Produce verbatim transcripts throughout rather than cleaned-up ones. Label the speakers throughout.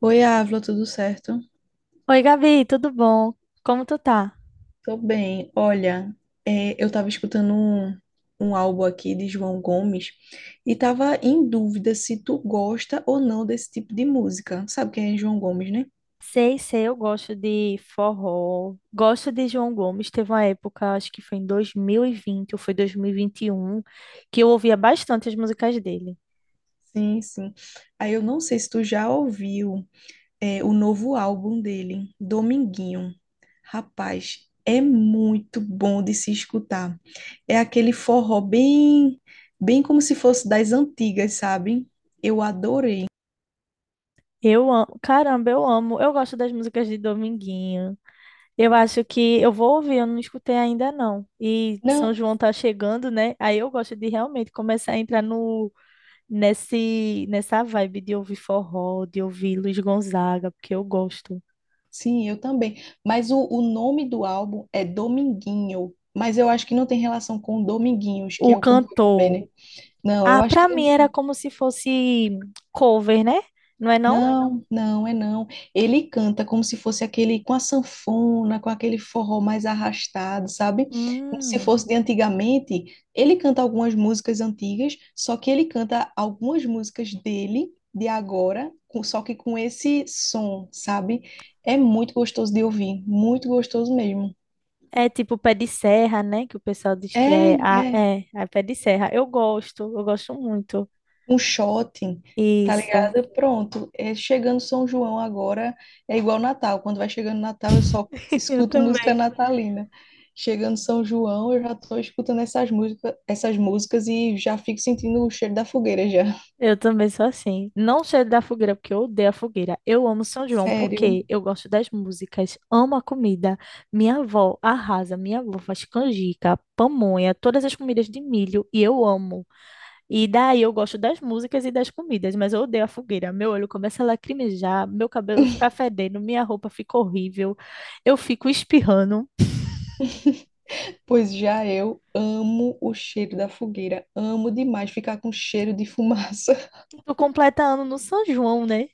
Speaker 1: Oi, Ávila, tudo certo?
Speaker 2: Oi, Gabi, tudo bom? Como tu tá?
Speaker 1: Tô bem. Olha, é, eu tava escutando um, um álbum aqui de João Gomes e tava em dúvida se tu gosta ou não desse tipo de música. Sabe quem é João Gomes, né?
Speaker 2: Sei, sei, eu gosto de forró, gosto de João Gomes. Teve uma época, acho que foi em dois mil e vinte ou foi dois mil e e vinte e um, que eu ouvia bastante as músicas dele.
Speaker 1: Sim, sim. Aí eu não sei se tu já ouviu, é, o novo álbum dele, Dominguinho. Rapaz, é muito bom de se escutar. É aquele forró bem, bem como se fosse das antigas, sabe? Eu adorei.
Speaker 2: Eu amo, caramba, eu amo. Eu gosto das músicas de Dominguinho. Eu acho que eu vou ouvir, eu não escutei ainda não. E São
Speaker 1: Não.
Speaker 2: João tá chegando, né? Aí eu gosto de realmente começar a entrar no nesse nessa vibe de ouvir forró, de ouvir Luiz Gonzaga, porque eu gosto.
Speaker 1: Sim, eu também. Mas o, o nome do álbum é Dominguinho. Mas eu acho que não tem relação com Dominguinhos, que
Speaker 2: O
Speaker 1: é o cantor também,
Speaker 2: cantor.
Speaker 1: né? Não, eu
Speaker 2: Ah,
Speaker 1: acho que
Speaker 2: pra mim era
Speaker 1: não.
Speaker 2: como se fosse cover, né? Não é não?
Speaker 1: Não, não, é não. Ele canta como se fosse aquele com a sanfona, com aquele forró mais arrastado, sabe? Como se
Speaker 2: Hum.
Speaker 1: fosse de antigamente. Ele canta algumas músicas antigas, só que ele canta algumas músicas dele, de agora, com- só que com esse som, sabe? É muito gostoso de ouvir, muito gostoso mesmo.
Speaker 2: É tipo pé de serra, né? Que o pessoal diz que
Speaker 1: É,
Speaker 2: é. Ah,
Speaker 1: é.
Speaker 2: é, é pé de serra. Eu gosto, eu gosto muito.
Speaker 1: Um shopping, tá
Speaker 2: Isso.
Speaker 1: ligado? Pronto. É, chegando São João agora é igual Natal. Quando vai chegando Natal, eu só
Speaker 2: Eu
Speaker 1: escuto música
Speaker 2: também.
Speaker 1: natalina. Chegando São João, eu já tô escutando essas músicas, essas músicas e já fico sentindo o cheiro da fogueira já.
Speaker 2: Eu também sou assim. Não cheiro da fogueira, porque eu odeio a fogueira. Eu amo São João,
Speaker 1: Sério.
Speaker 2: porque eu gosto das músicas, amo a comida. Minha avó arrasa, minha avó faz canjica, pamonha, todas as comidas de milho, e eu amo. E daí eu gosto das músicas e das comidas, mas eu odeio a fogueira. Meu olho começa a lacrimejar, meu cabelo fica fedendo, minha roupa fica horrível, eu fico espirrando.
Speaker 1: Pois já eu amo o cheiro da fogueira. Amo demais ficar com cheiro de fumaça.
Speaker 2: E tô completando no São João, né?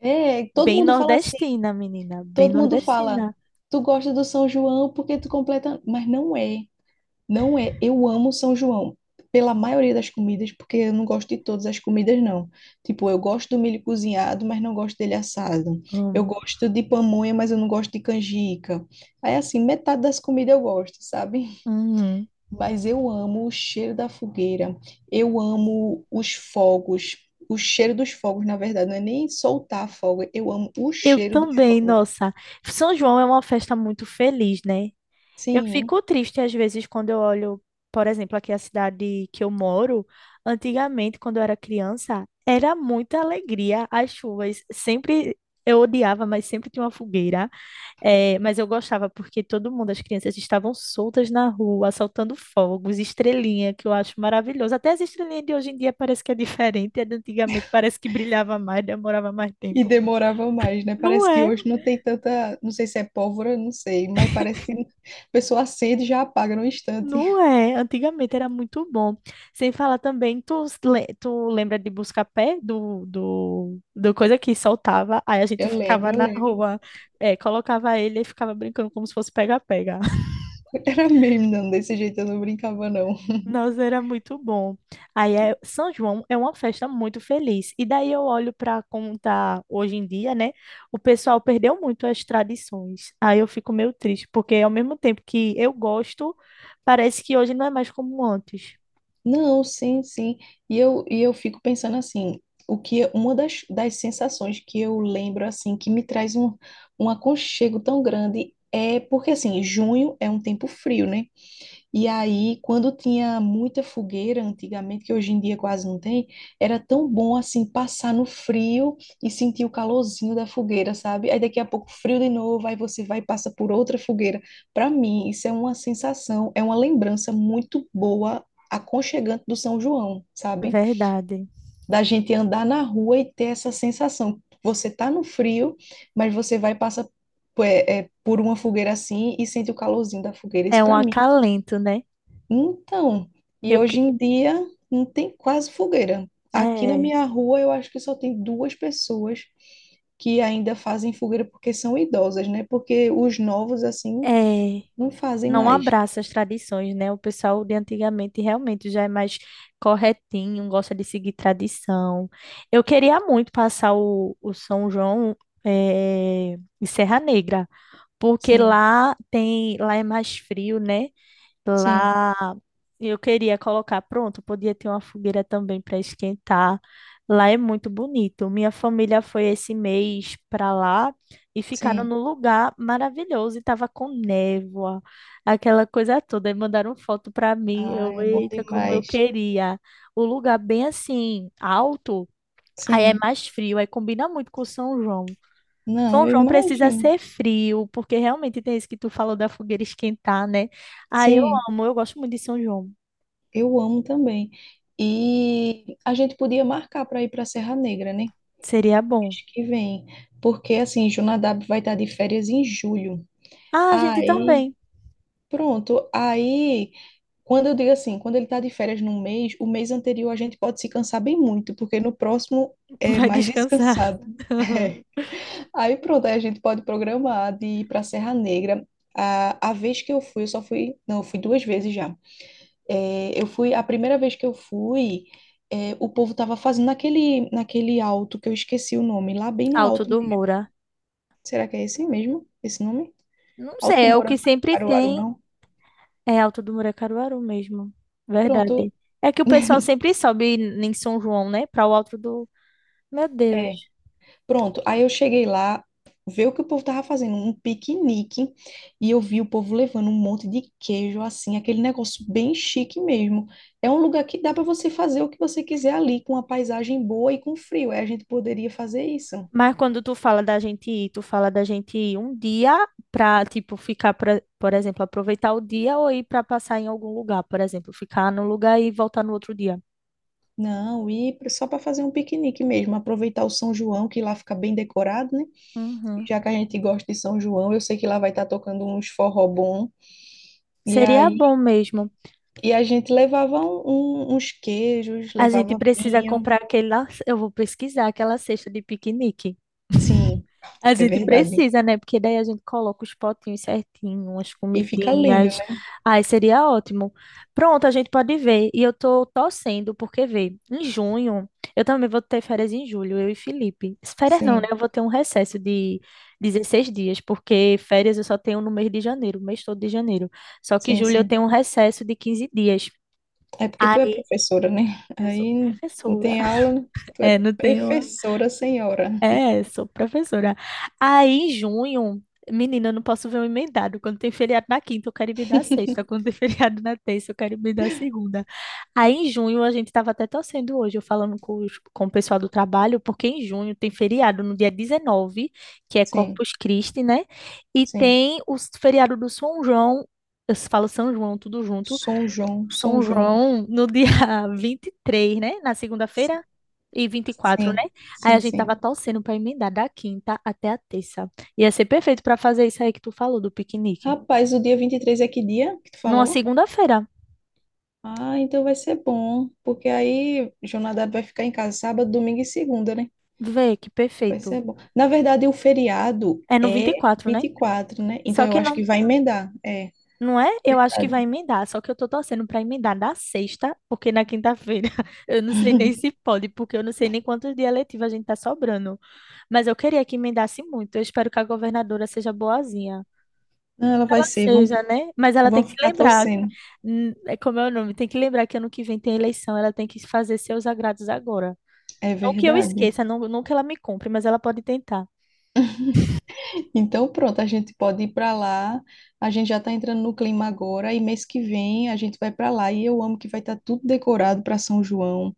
Speaker 1: É, todo
Speaker 2: Bem
Speaker 1: mundo fala assim.
Speaker 2: nordestina, menina, bem
Speaker 1: Todo mundo fala,
Speaker 2: nordestina.
Speaker 1: tu gosta do São João porque tu completa. Mas não é. Não é, eu amo São João, pela maioria das comidas, porque eu não gosto de todas as comidas, não. Tipo, eu gosto do milho cozinhado, mas não gosto dele assado. Eu
Speaker 2: Amo.
Speaker 1: gosto de pamonha, mas eu não gosto de canjica. Aí, assim, metade das comidas eu gosto, sabe?
Speaker 2: Uhum.
Speaker 1: Mas eu amo o cheiro da fogueira, eu amo os fogos, o cheiro dos fogos, na verdade, não é nem soltar fogo, eu amo o
Speaker 2: Eu
Speaker 1: cheiro dos
Speaker 2: também,
Speaker 1: fogos.
Speaker 2: nossa. São João é uma festa muito feliz, né? Eu
Speaker 1: Sim.
Speaker 2: fico triste às vezes quando eu olho, por exemplo, aqui a cidade que eu moro. Antigamente, quando eu era criança, era muita alegria as chuvas. Sempre eu odiava, mas sempre tinha uma fogueira. Eh, mas eu gostava porque todo mundo, as crianças estavam soltas na rua, soltando fogos, estrelinha, que eu acho maravilhoso. Até as estrelinhas de hoje em dia parece que é diferente. A de antigamente parece que brilhava mais, demorava mais
Speaker 1: E
Speaker 2: tempo.
Speaker 1: demorava mais, né?
Speaker 2: Não
Speaker 1: Parece que
Speaker 2: é?
Speaker 1: hoje não tem tanta, não sei se é pólvora, não sei, mas parece que a pessoa acende e já apaga no instante.
Speaker 2: Não é, antigamente era muito bom. Sem falar também, tu, s- le- tu lembra de Buscapé, do, do, do coisa que soltava, aí a gente
Speaker 1: Eu lembro,
Speaker 2: ficava
Speaker 1: eu
Speaker 2: na
Speaker 1: lembro.
Speaker 2: rua, é, colocava ele e ficava brincando como se fosse pega-pega.
Speaker 1: Era mesmo, não, desse jeito eu não brincava, não.
Speaker 2: Nossa, era muito bom. Aí é, São João é uma festa muito feliz. E daí eu olho para como tá hoje em dia, né? O pessoal perdeu muito as tradições. Aí eu fico meio triste, porque ao mesmo tempo que eu gosto, parece que hoje não é mais como antes.
Speaker 1: Não, sim, sim. E eu, e eu fico pensando assim, o que uma das, das sensações que eu lembro, assim, que me traz um, um aconchego tão grande é porque, assim, junho é um tempo frio, né? E aí, quando tinha muita fogueira antigamente, que hoje em dia quase não tem, era tão bom assim passar no frio e sentir o calorzinho da fogueira, sabe? Aí daqui a pouco frio de novo, aí você vai e passa por outra fogueira. Para mim, isso é uma sensação, é uma lembrança muito boa, aconchegante do São João, sabe?
Speaker 2: Verdade.
Speaker 1: Da gente andar na rua e ter essa sensação. Você tá no frio, mas você vai e passa é, é, por uma fogueira assim e sente o calorzinho da fogueira. Isso
Speaker 2: É um
Speaker 1: para mim
Speaker 2: acalento, né?
Speaker 1: então, e
Speaker 2: Eu que
Speaker 1: hoje em dia não tem quase fogueira. Aqui na
Speaker 2: é,
Speaker 1: minha rua eu acho que só tem duas pessoas que ainda fazem fogueira porque são idosas, né? Porque os novos assim
Speaker 2: é,
Speaker 1: não fazem
Speaker 2: não
Speaker 1: mais.
Speaker 2: abraça as tradições, né? O pessoal de antigamente realmente já é mais corretinho, gosta de seguir tradição. Eu queria muito passar o, o São João é, em Serra Negra, porque
Speaker 1: Sim,
Speaker 2: lá tem, lá é mais frio, né?
Speaker 1: sim,
Speaker 2: Lá e eu queria colocar, pronto, podia ter uma fogueira também para esquentar. Lá é muito bonito. Minha família foi esse mês para lá e ficaram
Speaker 1: sim.
Speaker 2: num lugar maravilhoso e tava com névoa, aquela coisa toda. E mandaram foto para mim.
Speaker 1: Ah,
Speaker 2: Eu,
Speaker 1: é bom
Speaker 2: eita, como eu
Speaker 1: demais.
Speaker 2: queria. O lugar bem assim, alto, aí é
Speaker 1: Sim.
Speaker 2: mais frio, aí combina muito com São João.
Speaker 1: Não,
Speaker 2: São
Speaker 1: eu
Speaker 2: João precisa
Speaker 1: imagino.
Speaker 2: ser frio, porque realmente tem isso que tu falou da fogueira esquentar, né? Aí eu
Speaker 1: Sim,
Speaker 2: amo, eu gosto muito de São João.
Speaker 1: eu amo também. E a gente podia marcar para ir para Serra Negra, né?
Speaker 2: Seria bom.
Speaker 1: Mês que vem, porque assim, Jonadab vai estar de férias em julho.
Speaker 2: Ah, a gente
Speaker 1: Aí
Speaker 2: também
Speaker 1: pronto, aí quando eu digo assim, quando ele está de férias num mês, o mês anterior a gente pode se cansar bem muito, porque no próximo é
Speaker 2: vai
Speaker 1: mais
Speaker 2: descansar.
Speaker 1: descansado. É. Aí pronto, aí a gente pode programar de ir pra Serra Negra. A, a vez que eu fui, eu só fui, não, eu fui duas vezes já. É, eu fui, a primeira vez que eu fui, é, o povo tava fazendo naquele, naquele alto que eu esqueci o nome, lá bem no
Speaker 2: Alto
Speaker 1: alto
Speaker 2: do
Speaker 1: mesmo.
Speaker 2: Moura.
Speaker 1: Será que é esse mesmo? Esse nome?
Speaker 2: Não
Speaker 1: Alto
Speaker 2: sei,
Speaker 1: do
Speaker 2: é o que
Speaker 1: Mourão,
Speaker 2: sempre
Speaker 1: Caruaru,
Speaker 2: tem.
Speaker 1: não?
Speaker 2: É Alto do Moura é Caruaru mesmo.
Speaker 1: Pronto,
Speaker 2: Verdade. É que o pessoal sempre sobe em São João, né? Para o Alto do. Meu Deus.
Speaker 1: é. Pronto, aí eu cheguei lá, ver o que o povo tava fazendo, um piquenique, e eu vi o povo levando um monte de queijo, assim, aquele negócio bem chique mesmo. É um lugar que dá para você fazer o que você quiser ali, com uma paisagem boa e com frio. Aí a gente poderia fazer isso.
Speaker 2: Mas quando tu fala da gente ir, tu fala da gente ir um dia pra, tipo, ficar, pra, por exemplo, aproveitar o dia ou ir pra passar em algum lugar, por exemplo, ficar num lugar e voltar no outro dia.
Speaker 1: Não, ir pra- só para fazer um piquenique mesmo, aproveitar o São João, que lá fica bem decorado, né?
Speaker 2: Uhum.
Speaker 1: Já que a gente gosta de São João, eu sei que lá vai estar tocando uns forró bom. E
Speaker 2: Seria
Speaker 1: aí,
Speaker 2: bom mesmo.
Speaker 1: e a gente levava um- um- uns queijos,
Speaker 2: A gente
Speaker 1: levava
Speaker 2: precisa
Speaker 1: vinho.
Speaker 2: comprar aquela. Eu vou pesquisar aquela cesta de piquenique.
Speaker 1: Sim.
Speaker 2: A
Speaker 1: É
Speaker 2: gente
Speaker 1: verdade.
Speaker 2: precisa, né? Porque daí a gente coloca os potinhos certinho, as
Speaker 1: E fica lindo,
Speaker 2: comidinhas.
Speaker 1: né?
Speaker 2: Ai, seria ótimo. Pronto, a gente pode ver. E eu tô torcendo, porque vê, em junho, eu também vou ter férias em julho, eu e Felipe. Férias não, né?
Speaker 1: Sim,
Speaker 2: Eu vou ter um recesso de dezesseis dias, porque férias eu só tenho no mês de janeiro, o mês todo de janeiro. Só que
Speaker 1: sim,
Speaker 2: julho eu
Speaker 1: sim.
Speaker 2: tenho um recesso de quinze dias.
Speaker 1: É porque tu
Speaker 2: Ai,
Speaker 1: é professora, né?
Speaker 2: eu sou
Speaker 1: Aí não
Speaker 2: professora.
Speaker 1: tem aula, né? Tu
Speaker 2: É,
Speaker 1: é
Speaker 2: não tenho
Speaker 1: professora, senhora.
Speaker 2: é, sou professora. Aí, em junho, menina, eu não posso ver um emendado. Quando tem feriado na quinta, eu quero ir me dar sexta. Quando tem feriado na terça, eu quero ir me dar segunda. Aí, em junho, a gente estava até torcendo hoje, eu falando com, os- com o pessoal do trabalho, porque em junho tem feriado no dia dezenove, que é
Speaker 1: Sim,
Speaker 2: Corpus Christi, né? E
Speaker 1: sim.
Speaker 2: tem o s- feriado do São João. Eu s- falo São João, tudo junto,
Speaker 1: São João, São
Speaker 2: são
Speaker 1: João.
Speaker 2: João no dia vinte e três, né? Na segunda-feira e vinte e quatro,
Speaker 1: Sim,
Speaker 2: né? Aí
Speaker 1: sim,
Speaker 2: a gente tava
Speaker 1: sim.
Speaker 2: torcendo pra emendar da quinta até a terça. Ia ser perfeito pra fazer isso aí que tu falou do piquenique.
Speaker 1: Rapaz, o dia vinte e três é que dia que tu
Speaker 2: Numa
Speaker 1: falou?
Speaker 2: segunda-feira.
Speaker 1: Ah, então vai ser bom, porque aí Jonadab vai ficar em casa sábado, domingo e segunda, né?
Speaker 2: Vê que
Speaker 1: Vai
Speaker 2: perfeito.
Speaker 1: ser bom. Na verdade, o feriado
Speaker 2: É no vinte
Speaker 1: é
Speaker 2: e quatro,
Speaker 1: vinte
Speaker 2: né?
Speaker 1: e quatro, né? Então
Speaker 2: Só
Speaker 1: eu
Speaker 2: que
Speaker 1: acho
Speaker 2: não,
Speaker 1: que vai emendar. É,
Speaker 2: não é? Eu acho que vai
Speaker 1: verdade.
Speaker 2: emendar, só que eu tô torcendo pra emendar na sexta, porque na quinta-feira eu não sei nem se pode, porque eu não sei nem quantos dias letivos a gente tá sobrando. Mas eu queria que emendasse muito. Eu espero que a governadora seja boazinha
Speaker 1: Não, ela vai
Speaker 2: ela
Speaker 1: ser. Vamos.
Speaker 2: seja, né? Mas ela
Speaker 1: Vão
Speaker 2: tem que se
Speaker 1: ficar
Speaker 2: lembrar,
Speaker 1: torcendo.
Speaker 2: hum, é como é o nome, tem que lembrar que ano que vem tem eleição, ela tem que fazer seus agrados agora.
Speaker 1: É
Speaker 2: Não que eu
Speaker 1: verdade.
Speaker 2: esqueça, não, não que ela me compre, mas ela pode tentar.
Speaker 1: Então, pronto, a gente pode ir para lá. A gente já está entrando no clima agora e mês que vem a gente vai para lá e eu amo que vai estar tudo decorado para São João.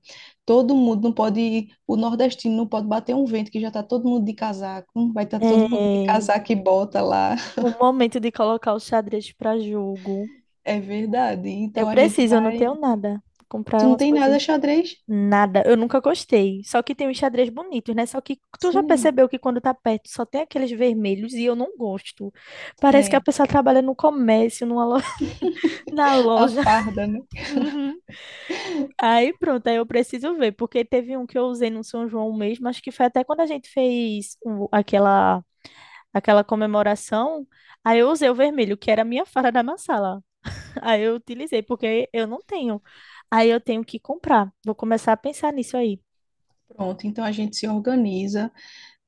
Speaker 1: Todo mundo não pode, o nordestino não pode bater um vento que já está todo mundo de casaco, vai estar todo mundo de
Speaker 2: É,
Speaker 1: casaco e bota lá.
Speaker 2: o momento de colocar o xadrez para jogo.
Speaker 1: É verdade.
Speaker 2: Eu
Speaker 1: Então a gente
Speaker 2: preciso, eu não
Speaker 1: vai.
Speaker 2: tenho nada.
Speaker 1: Tu
Speaker 2: Comprar
Speaker 1: não
Speaker 2: umas
Speaker 1: tem nada
Speaker 2: coisinhas.
Speaker 1: xadrez?
Speaker 2: Nada, eu nunca gostei. Só que tem uns xadrez bonitos, né? Só que tu já
Speaker 1: Sim.
Speaker 2: percebeu que quando tá perto só tem aqueles vermelhos e eu não gosto. Parece que a
Speaker 1: É,
Speaker 2: pessoa trabalha no comércio, numa lo- na
Speaker 1: a
Speaker 2: loja.
Speaker 1: farda, né?
Speaker 2: Aí pronto, aí eu preciso ver, porque teve um que eu usei no São João mesmo, acho que foi até quando a gente fez o- aquela, aquela comemoração, aí eu usei o vermelho, que era a minha fara da massala. Aí eu utilizei, porque eu não tenho. Aí eu tenho que comprar. Vou começar a pensar nisso aí.
Speaker 1: Pronto, então a gente se organiza.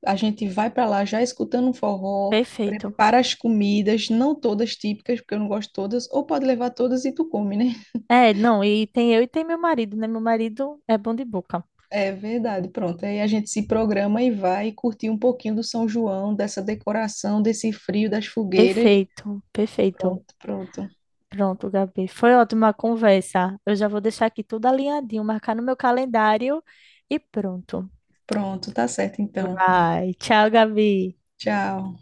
Speaker 1: A gente vai para lá já escutando um forró,
Speaker 2: Perfeito.
Speaker 1: prepara as comidas, não todas típicas, porque eu não gosto todas, ou pode levar todas e tu come, né?
Speaker 2: É, não, e tem eu e tem meu marido, né? Meu marido é bom de boca.
Speaker 1: É verdade, pronto. Aí a gente se programa e vai curtir um pouquinho do São João, dessa decoração, desse frio, das fogueiras.
Speaker 2: Perfeito, perfeito.
Speaker 1: Pronto, pronto.
Speaker 2: Pronto, Gabi. Foi ótima a conversa. Eu já vou deixar aqui tudo alinhadinho, marcar no meu calendário e pronto.
Speaker 1: Pronto, tá certo então.
Speaker 2: Vai. Tchau, Gabi.
Speaker 1: Tchau.